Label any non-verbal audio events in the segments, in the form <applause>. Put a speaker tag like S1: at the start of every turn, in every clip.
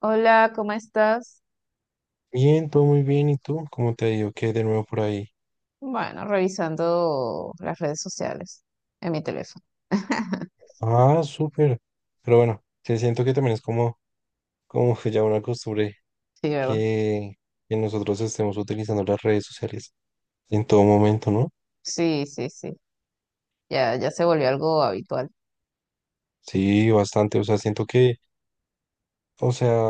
S1: Hola, ¿cómo estás?
S2: Bien, todo muy bien. ¿Y tú? ¿Cómo te ha ido? ¿Qué hay de nuevo por ahí?
S1: Bueno, revisando las redes sociales en mi teléfono. <laughs>
S2: Ah, súper. Pero bueno, sí, siento que también es como que ya una costumbre
S1: Sí, ¿verdad?
S2: que, que nosotros estemos utilizando las redes sociales en todo momento, ¿no?
S1: Sí, sí, sí. Ya, ya se volvió algo habitual,
S2: Sí, bastante. O sea, siento que, o sea,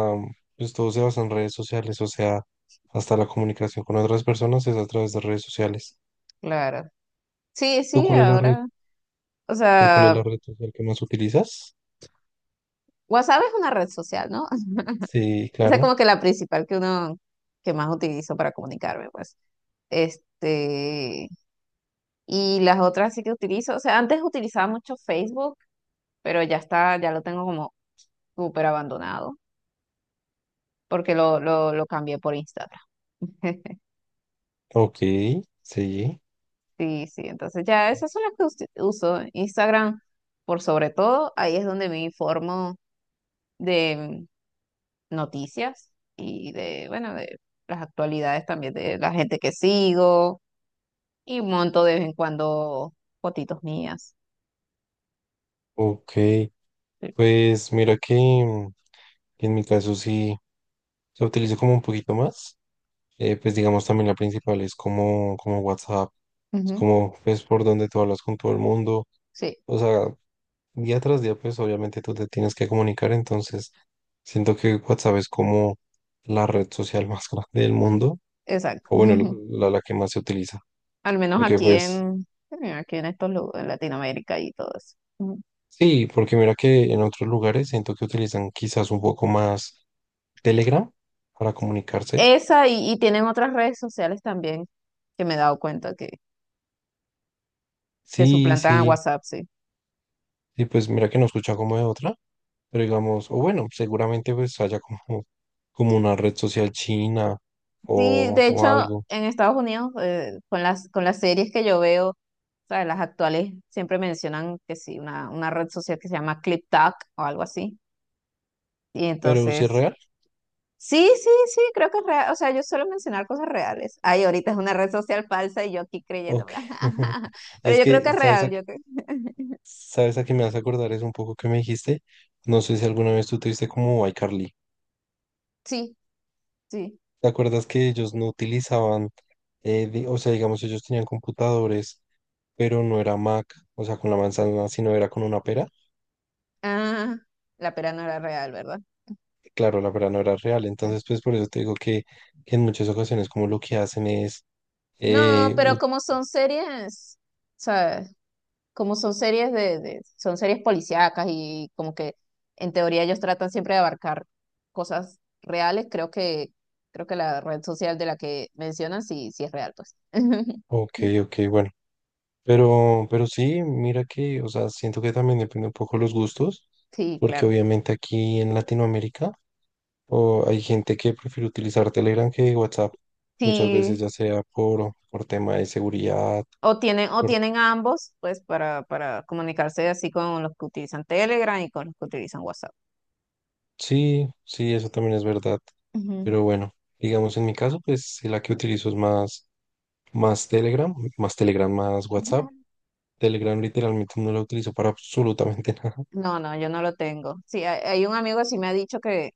S2: pues todo se basa en redes sociales. O sea, hasta la comunicación con otras personas es a través de redes sociales.
S1: claro. Sí,
S2: ¿Tú
S1: sí,
S2: cuál es la red?
S1: ahora. O
S2: ¿Tú cuál es la
S1: sea,
S2: red social que más utilizas?
S1: WhatsApp es una red social, ¿no? <laughs>
S2: Sí,
S1: Esa es
S2: claro.
S1: como que la principal que más utilizo para comunicarme, pues. Este, y las otras sí que utilizo. O sea, antes utilizaba mucho Facebook, pero ya está, ya lo tengo como súper abandonado, porque lo cambié por Instagram. <laughs>
S2: Ok, sí,
S1: Sí, sí, entonces ya esas son las que uso. Instagram, por sobre todo, ahí es donde me informo de noticias y bueno, de las actualidades también de la gente que sigo y monto de vez en cuando fotitos mías.
S2: ok.
S1: Sí,
S2: Pues mira que en mi caso sí se utilizo como un poquito más. Pues digamos también la principal es como WhatsApp. Es
S1: ujú,
S2: como pues por donde tú hablas con todo el mundo.
S1: sí,
S2: O sea, día tras día pues obviamente tú te tienes que comunicar. Entonces siento que WhatsApp es como la red social más <laughs> grande del mundo.
S1: exacto.
S2: O bueno,
S1: <laughs>
S2: la que más se utiliza.
S1: Al menos
S2: Porque
S1: aquí
S2: pues
S1: en, aquí en estos lugares, en Latinoamérica y todo eso. Ujú.
S2: sí, porque mira que en otros lugares siento que utilizan quizás un poco más Telegram para comunicarse.
S1: Esa y tienen otras redes sociales también que me he dado cuenta que
S2: Sí,
S1: suplantan a
S2: sí.
S1: WhatsApp, sí.
S2: Y pues mira que no escucha como de otra, pero digamos, o bueno, seguramente pues haya como una red social china
S1: Sí,
S2: o,
S1: de
S2: o
S1: hecho,
S2: algo,
S1: en Estados Unidos, con las series que yo veo, o sea, las actuales siempre mencionan que sí, una red social que se llama ClipTalk o algo así. Y
S2: pero si es
S1: entonces,
S2: real,
S1: sí, sí, sí, creo que es real. O sea, yo suelo mencionar cosas reales. Ay, ahorita es una red social falsa y yo aquí creyendo.
S2: ok. <laughs>
S1: <laughs> Pero
S2: Es
S1: yo creo que
S2: que,
S1: es
S2: ¿sabes a,
S1: real,
S2: qué-
S1: yo creo.
S2: sabes a qué me hace acordar? Es un poco que me dijiste, no sé si alguna vez tú te viste como iCarly.
S1: Sí, sí.
S2: ¿Te acuerdas que ellos no utilizaban, o sea, digamos, ellos tenían computadores, pero no era Mac, o sea, con la manzana, sino era con una pera?
S1: Ah, la pera no era real, ¿verdad?
S2: Claro, la verdad no era real. Entonces, pues por eso te digo que, en muchas ocasiones como lo que hacen es,
S1: No,
S2: eh,
S1: pero
S2: u-
S1: como son series, ¿sabes? Como son series son series policíacas y como que en teoría ellos tratan siempre de abarcar cosas reales, creo que la red social de la que mencionan sí, sí es real, pues. <laughs>
S2: ok, ok, bueno, pero sí, mira que, o sea, siento que también depende un poco los gustos,
S1: Sí,
S2: porque
S1: claro.
S2: obviamente aquí en Latinoamérica o hay gente que prefiere utilizar Telegram que WhatsApp, muchas veces
S1: Sí,
S2: ya sea por tema de seguridad,
S1: o tienen, o
S2: por,
S1: tienen ambos, pues, para comunicarse así con los que utilizan Telegram y con los que utilizan WhatsApp.
S2: sí, sí, eso también es verdad,
S1: Ujú.
S2: pero bueno, digamos en mi caso, pues sí, la que utilizo es Más Telegram, más Telegram, más WhatsApp. Telegram literalmente no lo utilizo para absolutamente <laughs> nada.
S1: No, no, yo no lo tengo. Sí, hay un amigo que sí me ha dicho que,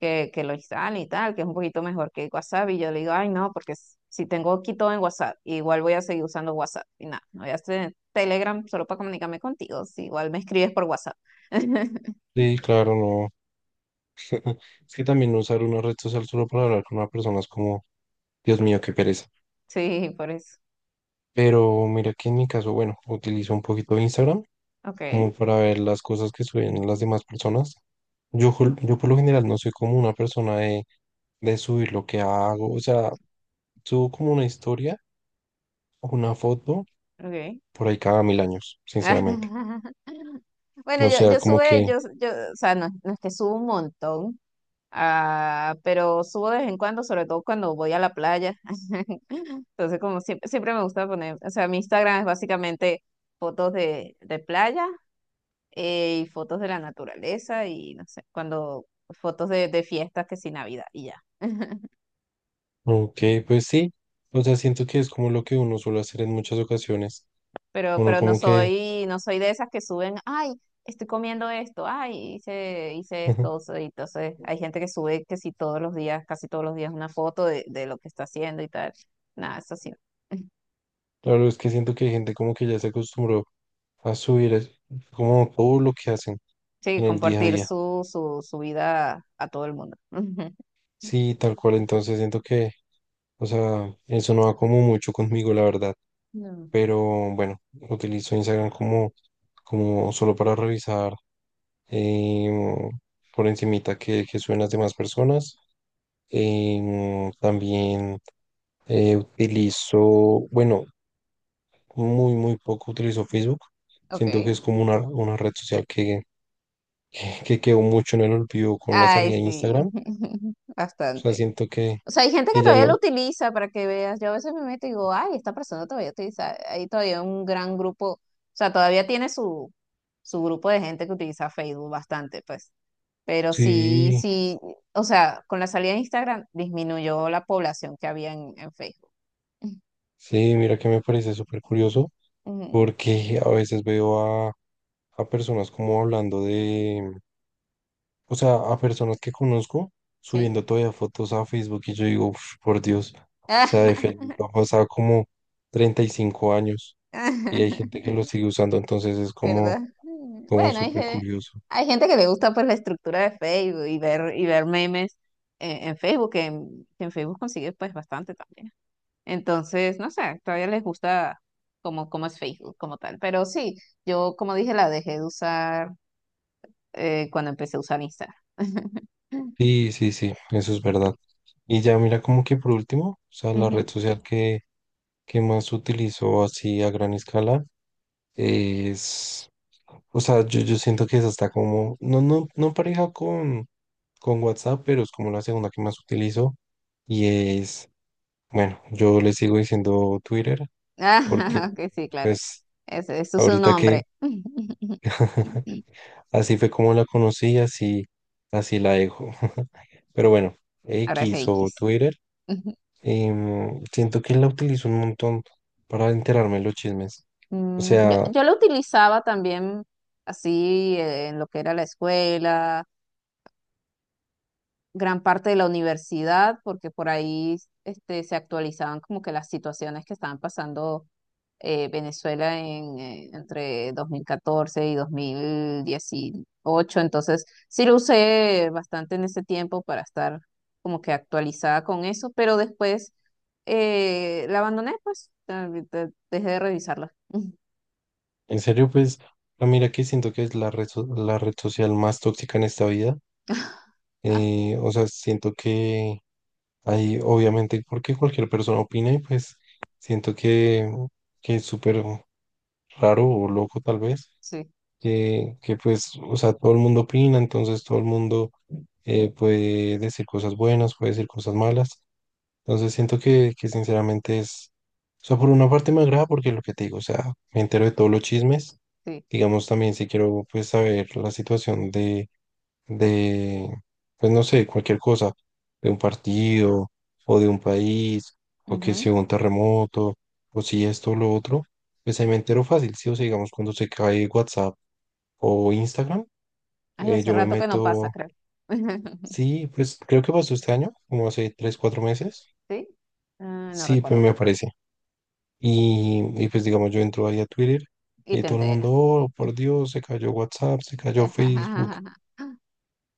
S1: que, que lo instale y tal, que es un poquito mejor que WhatsApp. Y yo le digo, ay, no, porque si tengo aquí todo en WhatsApp, igual voy a seguir usando WhatsApp. Y nada, no voy a hacer Telegram solo para comunicarme contigo. Si igual me escribes por WhatsApp. <laughs>
S2: Sí, claro, no. Es que también no usar una red social solo para hablar con una persona es como, Dios mío, qué pereza.
S1: Sí, por eso.
S2: Pero mira que en mi caso, bueno, utilizo un poquito de Instagram
S1: Ok,
S2: como para ver las cosas que suben las demás personas. Yo por lo general no soy como una persona de subir lo que hago. O sea, subo como una historia o una foto
S1: ok.
S2: por ahí cada mil años, sinceramente.
S1: <laughs> Bueno,
S2: O
S1: yo,
S2: sea,
S1: yo
S2: como
S1: sube,
S2: que.
S1: yo, yo, o sea, no, no es que subo un montón, ah, pero subo de vez en cuando, sobre todo cuando voy a la playa. <laughs> Entonces, como siempre, siempre me gusta poner, o sea, mi Instagram es básicamente fotos de playa y fotos de la naturaleza y no sé, cuando fotos de fiestas que sí Navidad y ya. <laughs>
S2: Ok, pues sí. O sea, siento que es como lo que uno suele hacer en muchas ocasiones.
S1: Pero,
S2: Uno
S1: pero no
S2: como que.
S1: soy, no soy de esas que suben, ay, estoy comiendo esto, ay, hice esto. O
S2: <laughs>
S1: sea, y entonces hay gente que sube que sí todos los días, casi todos los días una foto de lo que está haciendo y tal. Nada, eso sí. <laughs>
S2: Claro, es que siento que hay gente como que ya se acostumbró a subir como todo lo que hacen
S1: Sí,
S2: en el día a
S1: compartir
S2: día.
S1: su vida a todo el mundo. <laughs>
S2: Sí, tal cual. Entonces siento que, o sea, eso no va como mucho conmigo, la verdad.
S1: No.
S2: Pero bueno, utilizo Instagram como, solo para revisar em, por encimita que suben las demás personas. También. Eh, utilizo, bueno, muy, muy poco utilizo Facebook. Siento que
S1: Ok.
S2: es como una red social que, <laughs> que quedó mucho en el olvido con la
S1: Ay,
S2: salida de
S1: sí,
S2: Instagram. O
S1: <laughs>
S2: sea,
S1: bastante.
S2: siento que,
S1: O sea, hay gente
S2: que
S1: que
S2: ya
S1: todavía lo
S2: no.
S1: utiliza para que veas. Yo a veces me meto y digo, ay, esta persona todavía utiliza. Hay todavía un gran grupo, o sea, todavía tiene su grupo de gente que utiliza Facebook bastante, pues. Pero sí,
S2: Sí,
S1: sí, o sea, con la salida de Instagram disminuyó la población que había en Facebook. <laughs>
S2: sí, mira que me parece súper curioso
S1: Ujú,
S2: porque a veces veo a, a personas como hablando o sea, a personas que conozco
S1: sí.
S2: subiendo todavía fotos a Facebook y yo digo, "Uf, por Dios, o sea, de Facebook han
S1: <laughs>
S2: pasado como 35 años y hay gente que lo sigue usando, entonces es
S1: ¿Verdad?
S2: como, como
S1: Bueno,
S2: súper curioso.
S1: hay gente que le gusta pues la estructura de Facebook y ver memes en Facebook, que en Facebook consigue pues bastante también. Entonces, no sé, todavía les gusta como es Facebook como tal. Pero sí, yo como dije, la dejé de usar cuando empecé a usar Instagram. <laughs>
S2: Sí, sí, sí, eso es verdad. Y ya mira como que por último, o sea, la red
S1: Ujú.
S2: social que más utilizo así a gran escala es, o sea, yo siento que es hasta como, no pareja con WhatsApp, pero es como la segunda que más utilizo. Y es, bueno, yo le sigo diciendo Twitter
S1: Ah,
S2: porque
S1: <laughs> que sí, claro.
S2: pues
S1: Ese es su
S2: ahorita que
S1: nombre. <laughs>
S2: <laughs> así fue como la conocí, así la dejo. <laughs> Pero bueno,
S1: Ahora es
S2: X o
S1: X.
S2: Twitter,
S1: <laughs>
S2: siento que la utilizo un montón para enterarme de los chismes. O
S1: Yo,
S2: sea,
S1: yo lo utilizaba también así en lo que era la escuela, gran parte de la universidad, porque por ahí se actualizaban como que las situaciones que estaban pasando Venezuela entre 2014 y 2018. Entonces, sí lo usé bastante en ese tiempo para estar como que actualizada con eso, pero después la abandoné, pues, dejé de revisarla.
S2: en serio, pues, mira que siento que es la red social más tóxica en esta vida.
S1: <laughs> Ah,
S2: O sea, siento que hay, obviamente, porque cualquier persona opina y pues siento que es súper raro o loco tal vez,
S1: sí.
S2: que pues, o sea, todo el mundo opina, entonces todo el mundo puede decir cosas buenas, puede decir cosas malas. Entonces siento que sinceramente es, o sea, por una parte me agrada porque lo que te digo, o sea, me entero de todos los chismes.
S1: Sí.
S2: Digamos, también si quiero pues saber la situación de de, pues no sé, cualquier cosa, de un partido o de un país, o que
S1: Ujú.
S2: si hubo un terremoto, o si esto o lo otro, pues ahí me entero fácil, sí, o sea, digamos, cuando se cae WhatsApp o Instagram,
S1: Ay, hace
S2: yo me
S1: rato que no pasa,
S2: meto,
S1: creo. <laughs>
S2: sí, pues creo que pasó este año, como hace 3 4 meses,
S1: ¿Sí? Ah, no
S2: sí, pues
S1: recuerdo.
S2: me aparece. Y pues digamos, yo entro ahí a Twitter
S1: Y
S2: y
S1: te
S2: todo el mundo,
S1: enteras.
S2: oh, por Dios, se cayó WhatsApp, se cayó Facebook.
S1: <laughs>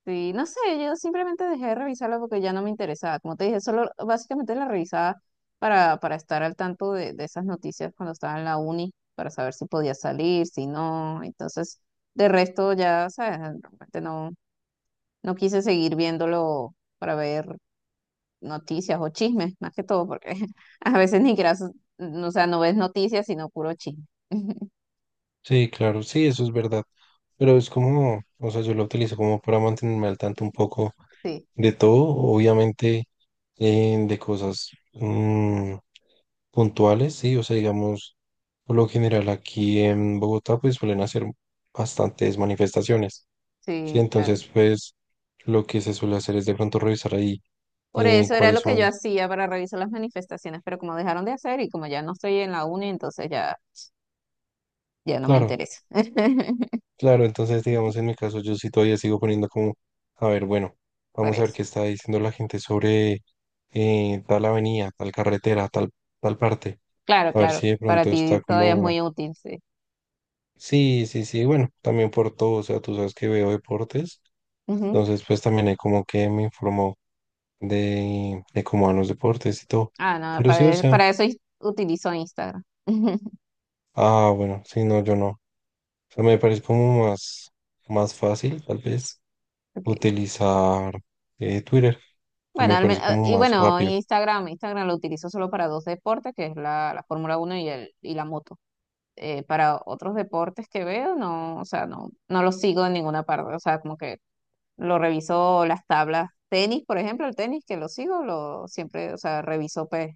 S1: Sí, no sé, yo simplemente dejé de revisarla porque ya no me interesaba. Como te dije, solo básicamente la revisaba para estar al tanto de esas noticias cuando estaba en la uni, para saber si podía salir, si no. Entonces, de resto ya, ¿sabes? Realmente no, no quise seguir viéndolo para ver noticias o chismes, más que todo, porque <laughs> a veces ni siquiera, o sea, no ves noticias, sino puro chisme. <laughs>
S2: Sí, claro, sí, eso es verdad. Pero es como, o sea, yo lo utilizo como para mantenerme al tanto un poco
S1: Sí,
S2: de todo, obviamente de cosas mm, puntuales, sí, o sea, digamos, por lo general aquí en Bogotá pues suelen hacer bastantes manifestaciones, sí,
S1: sí, claro.
S2: entonces pues lo que se suele hacer es de pronto revisar ahí
S1: Por eso era
S2: cuáles
S1: lo que
S2: son,
S1: yo hacía para revisar las manifestaciones, pero como dejaron de hacer y como ya no estoy en la uni, entonces ya, ya no me
S2: claro.
S1: interesa. <laughs>
S2: Claro, entonces digamos en mi caso yo sí todavía sigo poniendo como, a ver, bueno,
S1: Por
S2: vamos a ver
S1: eso.
S2: qué está diciendo la gente sobre tal avenida, tal carretera, tal parte.
S1: Claro,
S2: A ver
S1: claro.
S2: si de
S1: Para
S2: pronto está
S1: ti todavía es
S2: como,
S1: muy útil, sí.
S2: sí, sí, sí, bueno, también por todo, o sea, tú sabes que veo deportes,
S1: Ujú.
S2: entonces pues también hay como que me informó de cómo van los deportes y todo.
S1: Ah, no,
S2: Pero sí,
S1: para,
S2: o
S1: e,
S2: sea,
S1: para eso utilizo Instagram. <laughs>
S2: ah, bueno, sí, no, yo no. O sea, me parece como más fácil, tal vez.
S1: Okay.
S2: Utilizar Twitter.
S1: Bueno,
S2: Me parece como
S1: y
S2: más
S1: bueno,
S2: rápido.
S1: Instagram lo utilizo solo para dos deportes, que es la Fórmula 1 y la moto. Para otros deportes que veo, no, o sea, no, no lo sigo en ninguna parte, o sea, como que lo reviso las tablas, tenis, por ejemplo, el tenis que lo sigo, lo siempre, o sea, reviso pues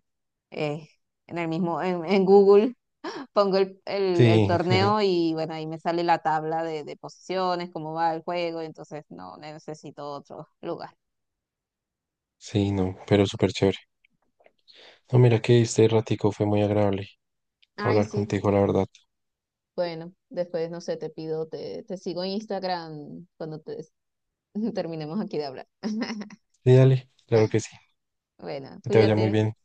S1: eh, en Google, <laughs> pongo el
S2: Sí, <laughs>
S1: torneo y bueno, ahí me sale la tabla de posiciones, cómo va el juego, y entonces no necesito otro lugar.
S2: sí, no, pero súper chévere. No, mira que este ratico fue muy agradable
S1: Ay,
S2: hablar
S1: sí.
S2: contigo, la verdad.
S1: Bueno, después, no sé, te sigo en Instagram cuando <laughs> terminemos aquí de hablar. <laughs>
S2: Sí, dale, claro que sí.
S1: Bueno,
S2: Que te vaya muy
S1: cuídate.
S2: bien.